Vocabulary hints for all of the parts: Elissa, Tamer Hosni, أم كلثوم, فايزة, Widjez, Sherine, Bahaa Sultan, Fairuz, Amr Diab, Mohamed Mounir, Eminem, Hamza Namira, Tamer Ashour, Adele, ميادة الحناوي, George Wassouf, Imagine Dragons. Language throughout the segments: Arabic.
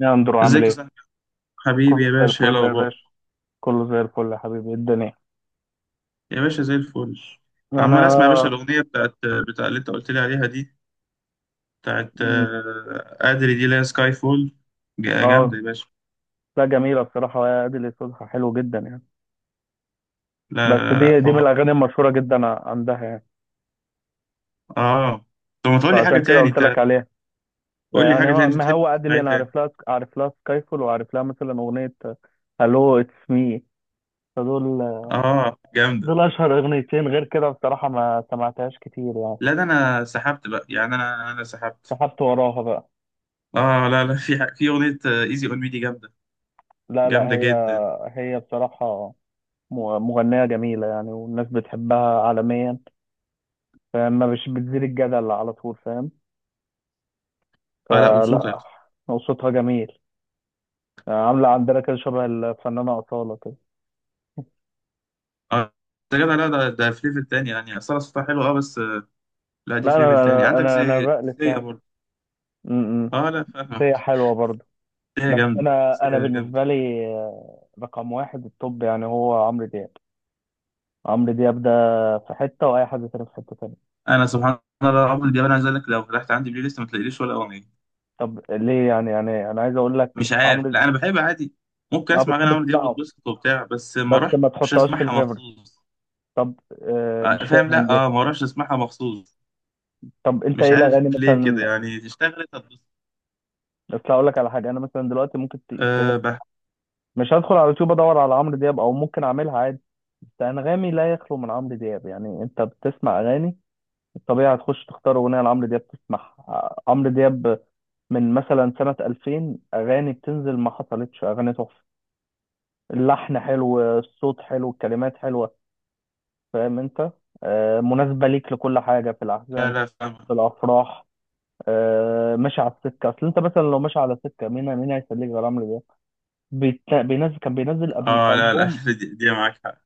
يا اندرو عامل ازيك يا ايه؟ صاحبي. حبيبي يا كله زي باشا، ايه الفل يا الاخبار؟ باشا. كله زي الفل يا حبيبي، إيه الدنيا؟ يا باشا، زي الفل. عمال انا اسمع يا باشا الاغنيه بتاع اللي انت قلت لي عليها دي، بتاعت مم. ادري دي، لا سكاي فول. اه. جامده يا باشا. لا، جميلة بصراحة، يا ادي اللي صوتها حلو جدا يعني. لا بس لا لا لا، دي من حوار. الاغاني المشهورة جدا عندها يعني، اه، طب ما تقول لي حاجه فعشان كده تاني قلت انت؟ لك عليها. قول لي فيعني حاجه تاني، انت ما تحب هو تسمع اديل، ايه انا تاني؟ عارف لها سكايفول، وعارف لها مثلا اغنية هالو اتس مي. فدول اه، جامده. دول اشهر اغنيتين، غير كده بصراحة ما سمعتهاش كتير يعني. لا، ده انا سحبت بقى، يعني انا سحبت. سحبت وراها بقى. اه لا لا، في اغنيه ايزي اون مي دي جامده، لا لا. جامده هي جدا. هي بصراحة مغنية جميلة يعني، والناس بتحبها عالميا، فما مش بتزيد الجدل على طول، فاهم؟ اه لا، وصوتها. فلا، صوتها جميل. عاملة عندنا كده شبه الفنانة أصالة كده. اه، ده جدع. لا ده في ليفل تاني، يعني اصلا صوتها حلو اه، بس لا، دي لا، في ليفل أنا تاني، أنا عندك أنا أنا زي بألف سيا يعني. برضه. م- م. اه لا، هي فاهمك. حلوة برضه. سيا بس جامدة. أنا سيا جامدة. بالنسبة لي، رقم واحد التوب يعني هو عمرو دياب. عمرو دياب ده في حتة، وأي حد تاني في حتة تانية. انا سبحان الله، رغم ان دي، انا عايز اقول لك لو فتحت عندي بلاي ليست ما تلاقيليش ولا اغنية. طب ليه يعني؟ أنا عايز أقول لك مش عارف، عمرو، لا انا بحب عادي. ممكن أه اسمع اغاني بتحب عمرو دياب تسمعه واتبسط وبتاع، بس ما بس ما اروحش تحطهاش في اسمعها الفيفوريت، مخصوص. طب آه مش فاهم، فاهم لا ليه؟ اه، ما اروحش اسمعها مخصوص. طب انت مش ايه عارف الاغاني ليه كده، مثلا؟ يعني اشتغلت هتبسط. اصل هقول لك على حاجه، انا مثلا دلوقتي ممكن آه بح... مش هدخل على يوتيوب ادور على عمرو دياب، او ممكن اعملها عادي، بس انغامي لا يخلو من عمرو دياب. يعني انت بتسمع اغاني، الطبيعي هتخش تختار اغنيه لعمرو دياب تسمعها. عمرو دياب من مثلا سنه 2000 اغاني بتنزل، ما حصلتش اغاني تحفه، اللحن حلو، الصوت حلو، الكلمات حلوه، فاهم انت؟ مناسبه ليك لكل حاجه، في لا الاحزان، لا، فاهمك. في الافراح. ماشي على السكه، اصل انت مثلا لو ماشي على سكه، مين مين هيسليك غير عمرو دياب؟ كان بينزل قبل اه لا لا ألبوم. دي معاك حق.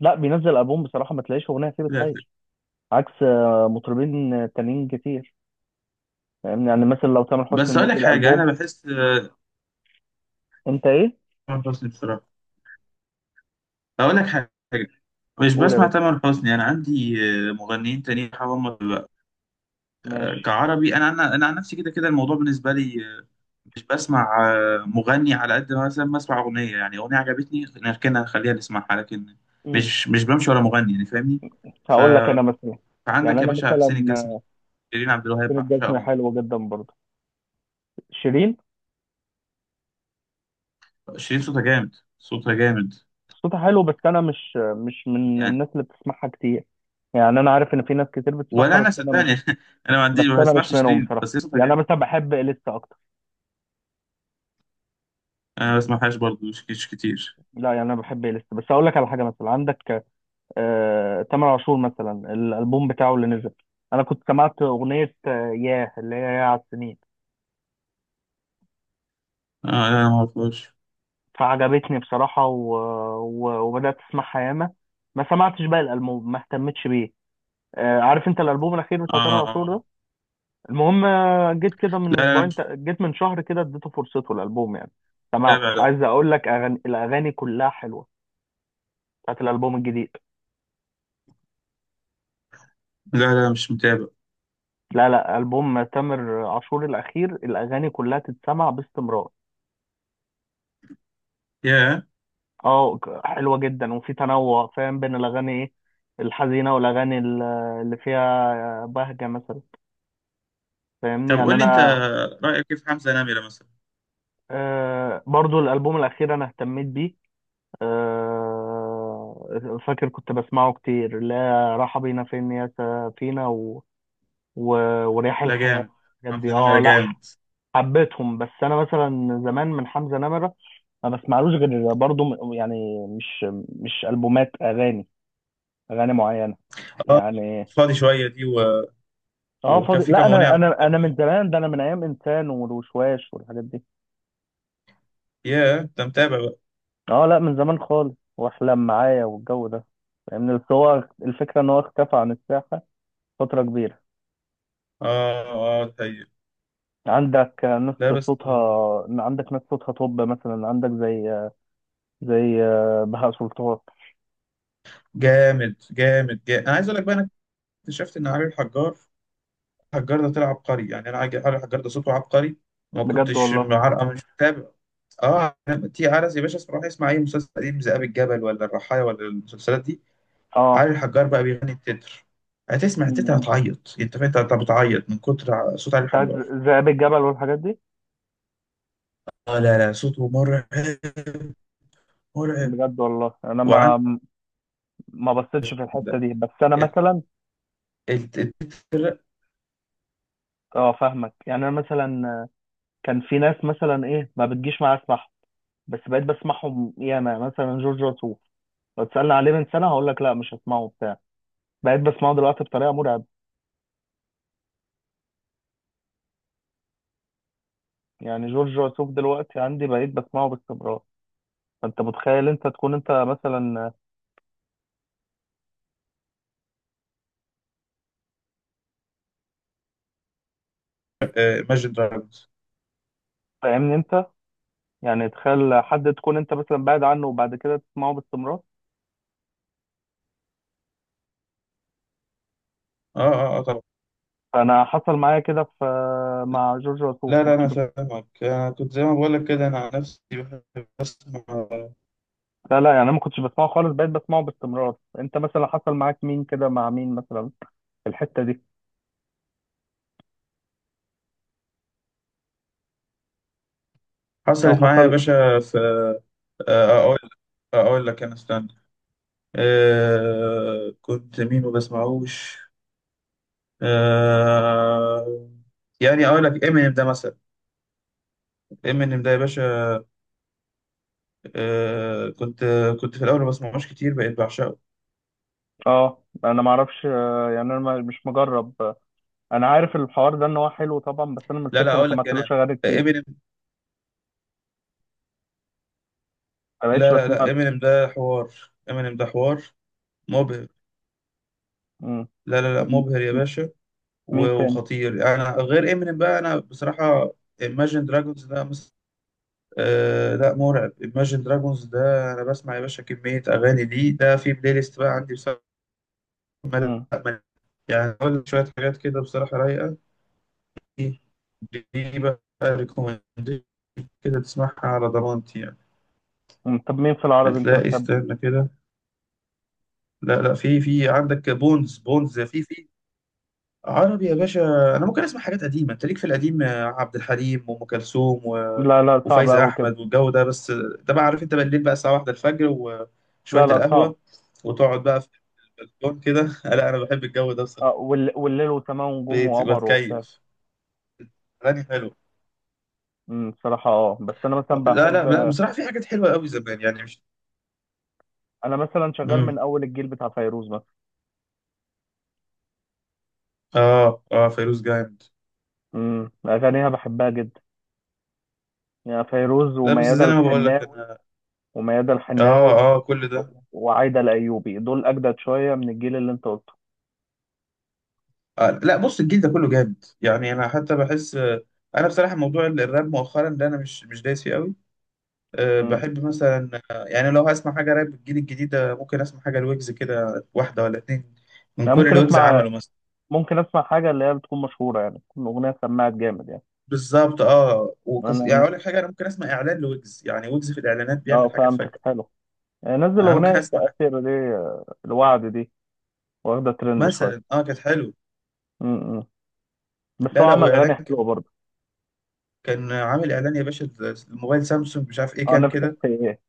لا، بينزل ألبوم بصراحة ما تلاقيش أغنية فيه لا بتخيش، عكس مطربين تانيين كتير. فاهمني؟ يعني مثلا لو تامر حسني بس، اقول لك منزل حاجة، ألبوم. انا بحس تامر أنت إيه؟ حسني بصراحة. اقول لك حاجة، مش قول يا بسمع باشا. تامر حسني. انا عندي مغنيين تانيين هم بقى. ماشي. كعربي، انا انا عن نفسي كده كده الموضوع بالنسبه لي مش بسمع مغني. على قد ما مثلا بسمع اغنيه، يعني اغنيه عجبتني، نركنها نخليها نسمعها، لكن مم. مش بمشي ورا مغني، يعني فاهمني. ف- هقول لك أنا مثلا. يعني فعندك يا أنا باشا حسين مثلا، الجسمي، آه، شيرين عبد الوهاب، فين الجزمة بعشقهم. حلوة جدا برضه، شيرين. شيرين صوتها جامد، صوتها جامد، صوتها حلو، بس أنا مش من يعني. الناس اللي بتسمعها كتير يعني. أنا عارف إن في ناس كتير بتسمعها ولا بس انا أنا صدقني مش. انا ما عنديش، بس ما أنا مش بسمعش منهم شيرين، بصراحة. بس هي صوتها يعني جامد. أنا مثلا بحب إليسا أكتر. انا ما بسمعهاش برضه، مش كتير. لا يعني، أنا بحب إليسا، بس أقول لك على حاجة. مثلا عندك تامر عاشور مثلا، الالبوم بتاعه اللي نزل، انا كنت سمعت اغنيه ياه اللي هي ياه على السنين، آه لا، انا ما اعرفهاش. فعجبتني بصراحه، وبدات اسمعها ياما. ما سمعتش بقى الالبوم، ما اهتمتش بيه. عارف انت الالبوم الاخير اه، بتاع تامر عاشور آه. ده؟ المهم جيت كده من لا لا، اسبوعين ت- جيت من شهر كده، اديته فرصته الالبوم يعني، سمعته. جامع ده. عايز اقول لك الاغاني كلها حلوه، بتاعت الالبوم الجديد. لا لا، مش متابع. لا لا، البوم تامر عاشور الاخير الاغاني كلها تتسمع باستمرار. يا، اه، حلوه جدا، وفي تنوع فاهم، بين الاغاني ايه، الحزينه والاغاني اللي فيها بهجه مثلا. فاهمني؟ طب يعني قول لي انت، انا. رأيك كيف حمزة نمرة مثلا؟ آه، برضو الالبوم الاخير انا اهتميت بيه. آه، فاكر كنت بسمعه كتير. لا، راحه بينا فين يا سفينه، و... ورياح لا، الحياه، جامد. الحاجات حمزة دي. نمرة اه. لا، جامد. حبيتهم. بس انا مثلا زمان من حمزه نمره ما بسمعلوش غير برضو، يعني مش البومات اغاني، اغاني معينه اه، يعني. فاضي شوية دي و اه، وكان فاضي. في لا، كام أغنية انا عملت انا انا من جامدين. زمان ده، انا من ايام انسان والوشواش والحاجات دي. يا، انت متابع بقى؟ اه، لا، من زمان خالص، واحلم معايا والجو ده. فاهمني؟ بس هو الفكره ان هو اختفى عن الساحه فتره كبيره. اه اه، طيب. عندك ناس لا بس، صوتها عندك ناس صوتها، طب مثلا عندك زي بهاء سلطان. جامد جامد جامد. انا عايز اقول لك بقى، انا اكتشفت ان علي الحجار، الحجار ده طلع عبقري، يعني انا علي الحجار ده صوته عبقري. ما بجد كنتش والله؟ معرقه، مش متابع. اه، تي عرس يا باشا، اسمع، روح اسمع اي مسلسل قديم، ذئاب الجبل ولا الرحايا ولا المسلسلات دي، اه، علي الحجار بقى بيغني التتر. هتسمع التتر م- هتعيط، انت فاهم، انت بتعيط من كتر صوت علي بتاعت الحجار. ذئاب الجبل والحاجات دي. اه لا لا، صوته مرعب، مرعب. بجد والله، انا وعند ما بصيتش في ال- الحته دي، بس انا مثلا. التتر. اه، فاهمك. يعني انا مثلا كان في ناس مثلا ايه ما بتجيش معايا اسمعهم، بس بقيت بسمعهم ياما، مثلا جورج وسوف. لو تسألني عليه من سنة هقول لك لا مش هسمعه بتاع، بقيت بسمعه دلوقتي بطريقة مرعبة. يعني جورج وسوف دلوقتي عندي بقيت بسمعه باستمرار. فانت متخيل؟ انت تكون انت مثلا، ماجد دراجونز. فاهمني انت؟ يعني تخيل، حد تكون انت مثلا بعد عنه، وبعد كده تسمعه باستمرار. اه اه اه، طبعا. فانا حصل معايا كده في، مع جورج وسوف، لا ما لا، كنتش انا فاهمك. انا كنت زي ما بقول لك كده، انا عن نفسي بحب اسمع. لا لا، يعني انا ما كنتش بسمعه خالص، بقيت بسمعه باستمرار. انت مثلا حصل معاك مين كده؟ مع مين مثلا في الحتة دي؟ او حصلت معايا حصل. يا باشا في آه، اقول اقول لك انا، استنى، كنت مين ما بسمعوش. آه، يعني اقول لك امينيم ده مثلا. امينيم ده يا باشا، آه كنت كنت في الاول ما بسمعوش كتير، بقيت بعشقه. اه، انا ما اعرفش، يعني انا مش مجرب. انا عارف الحوار ده ان هو حلو طبعا، بس انا من لا لا، الفكره ما اقول لك سمعتلوش انا، اغاني كتير، امينيم. ما بقتش لا لا بسمع لا، له. امينيم ده حوار. امينيم ده حوار مبهر. مم. لا لا لا، طب مبهر يا م- باشا. مين تاني؟ وخطير. انا غير امينيم بقى، انا بصراحه Imagine Dragons ده آه لا، مرعب. Imagine Dragons ده انا بسمع يا باشا كميه اغاني. دي ده في بلاي ليست بقى عندي بصراحه. ما- مم. يعني أقول لك شويه حاجات كده بصراحه رايقه، دي بقى ريكومنديشن كده، تسمعها على ضمانتي يعني. مم. طب مين في العربي انت هتلاقي، بتحب؟ استنى كده. لا لا، في عندك بونز، بونز في عربي يا باشا. انا ممكن اسمع حاجات قديمه، انت ليك في القديم عبد الحليم وام كلثوم و لا لا، صعب وفايزه قوي كده. احمد والجو ده، بس ده بقى عارف انت، بالليل بقى الساعه واحدة الفجر، وشويه لا لا، صعب. القهوه وتقعد بقى في البلكون كده لا انا بحب الجو ده بصراحه، آه، والليل وسماء ونجوم بيت وقمر وبتاع. بتكيف، اغاني حلوه. مم. بصراحه، اه. بس انا مثلا لا بحب، لا لا، بصراحه في حاجات حلوه قوي زمان، يعني مش. انا مثلا شغال مم. من اول الجيل بتاع فيروز مثلا. اه اه، فيروز جامد. مم. اغانيها بحبها جدا. يعني فيروز لا بس وميادة زي ما بقول لك الحناوي، انا. وميادة اه الحناوي اه، كل ده. وعايدة الأيوبي، دول أجدد شوية من الجيل اللي أنت قلته. آه لا، بص، الجيل ده كله جامد، يعني انا حتى بحس انا بصراحه. موضوع الراب مؤخرا ده، انا مش دايس فيه قوي. أه امم بحب مثلا، يعني لو هسمع حاجه راب الجيل الجديد ده، ممكن اسمع حاجه الويجز كده، واحده ولا اتنين من أنا كل ممكن اللي ويجز أسمع عمله مثلا. ممكن أسمع حاجة اللي هي بتكون مشهورة يعني، تكون أغنية سمعت جامد يعني. بالظبط. اه، يعني أنا اقول لك حاجه، انا ممكن اسمع اعلان لويجز، يعني ويجز في الاعلانات أه، بيعمل حاجات فهمتك. فجره. حلو. نزل انا أغنية ممكن اسمع التأثير دي، الوعد دي، واخدة ترند شوية. مثلا، اه، كانت حلو. امم بس لا هو لا، عمل أغاني واعلان، حلوة برضه. كان عامل اعلان يا باشا، الموبايل سامسونج مش عارف ايه أه، كام نفسك كده، في إيه؟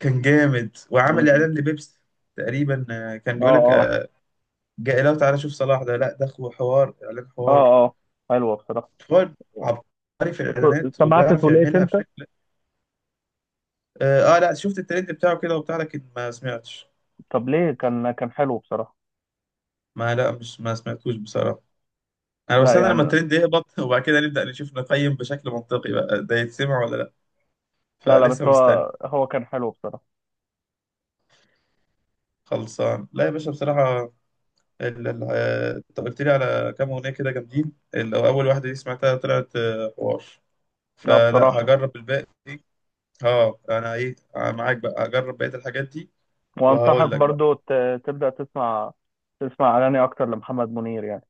كان جامد. وعامل امم اعلان لبيبسي تقريبا، كان أه، بيقول لك أه، جاي، لو تعالى شوف صلاح ده، لا ده حوار اعلان، أه، حوار، أه، حلوة بصراحة. حوار عبقري في الاعلانات، سمعت وبيعرف توليت يعملها أنت؟ بشكل. اه، لا شفت الترند بتاعه كده وبتاع، لكن ما سمعتش. طب ليه؟ كان حلو بصراحة. ما، لا مش، ما سمعتوش بصراحة. انا لا بستنى لما يعني، الترند يهبط وبعد كده نبدأ نشوف نقيم بشكل منطقي بقى، ده يتسمع ولا لا. لا لا، بس فلسه مستني. هو كان حلو بصراحة. خلصان. لا يا باشا بصراحة، انت قلت لي على كام اغنيه كده جامدين، اللي هو اول واحده دي سمعتها، طلعت حوار، لا فلا، بصراحة. هجرب الباقي. اه انا ايه، معاك بقى، هجرب بقيه الحاجات دي. وانصحك وهقول لك بقى. برضو تبدأ تسمع اغاني اكتر لمحمد منير يعني.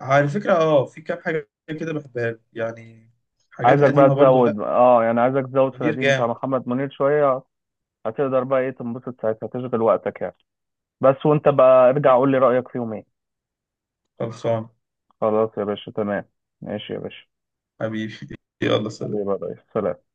على فكره، اه في كام حاجه كده بحبها له، يعني حاجات عايزك بقى قديمه برضو. تزود، لا، يعني عايزك تزود في منير القديم بتاع جامد. محمد منير شوية. هتقدر بقى ايه تنبسط ساعتها، تشغل وقتك يعني. بس وانت بقى ارجع قول لي رأيك فيهم ايه؟ خلصان. خلاص يا باشا، تمام. ماشي يا باشا. حبيبي يلا سلام. حبيبي يا ريس، سلام.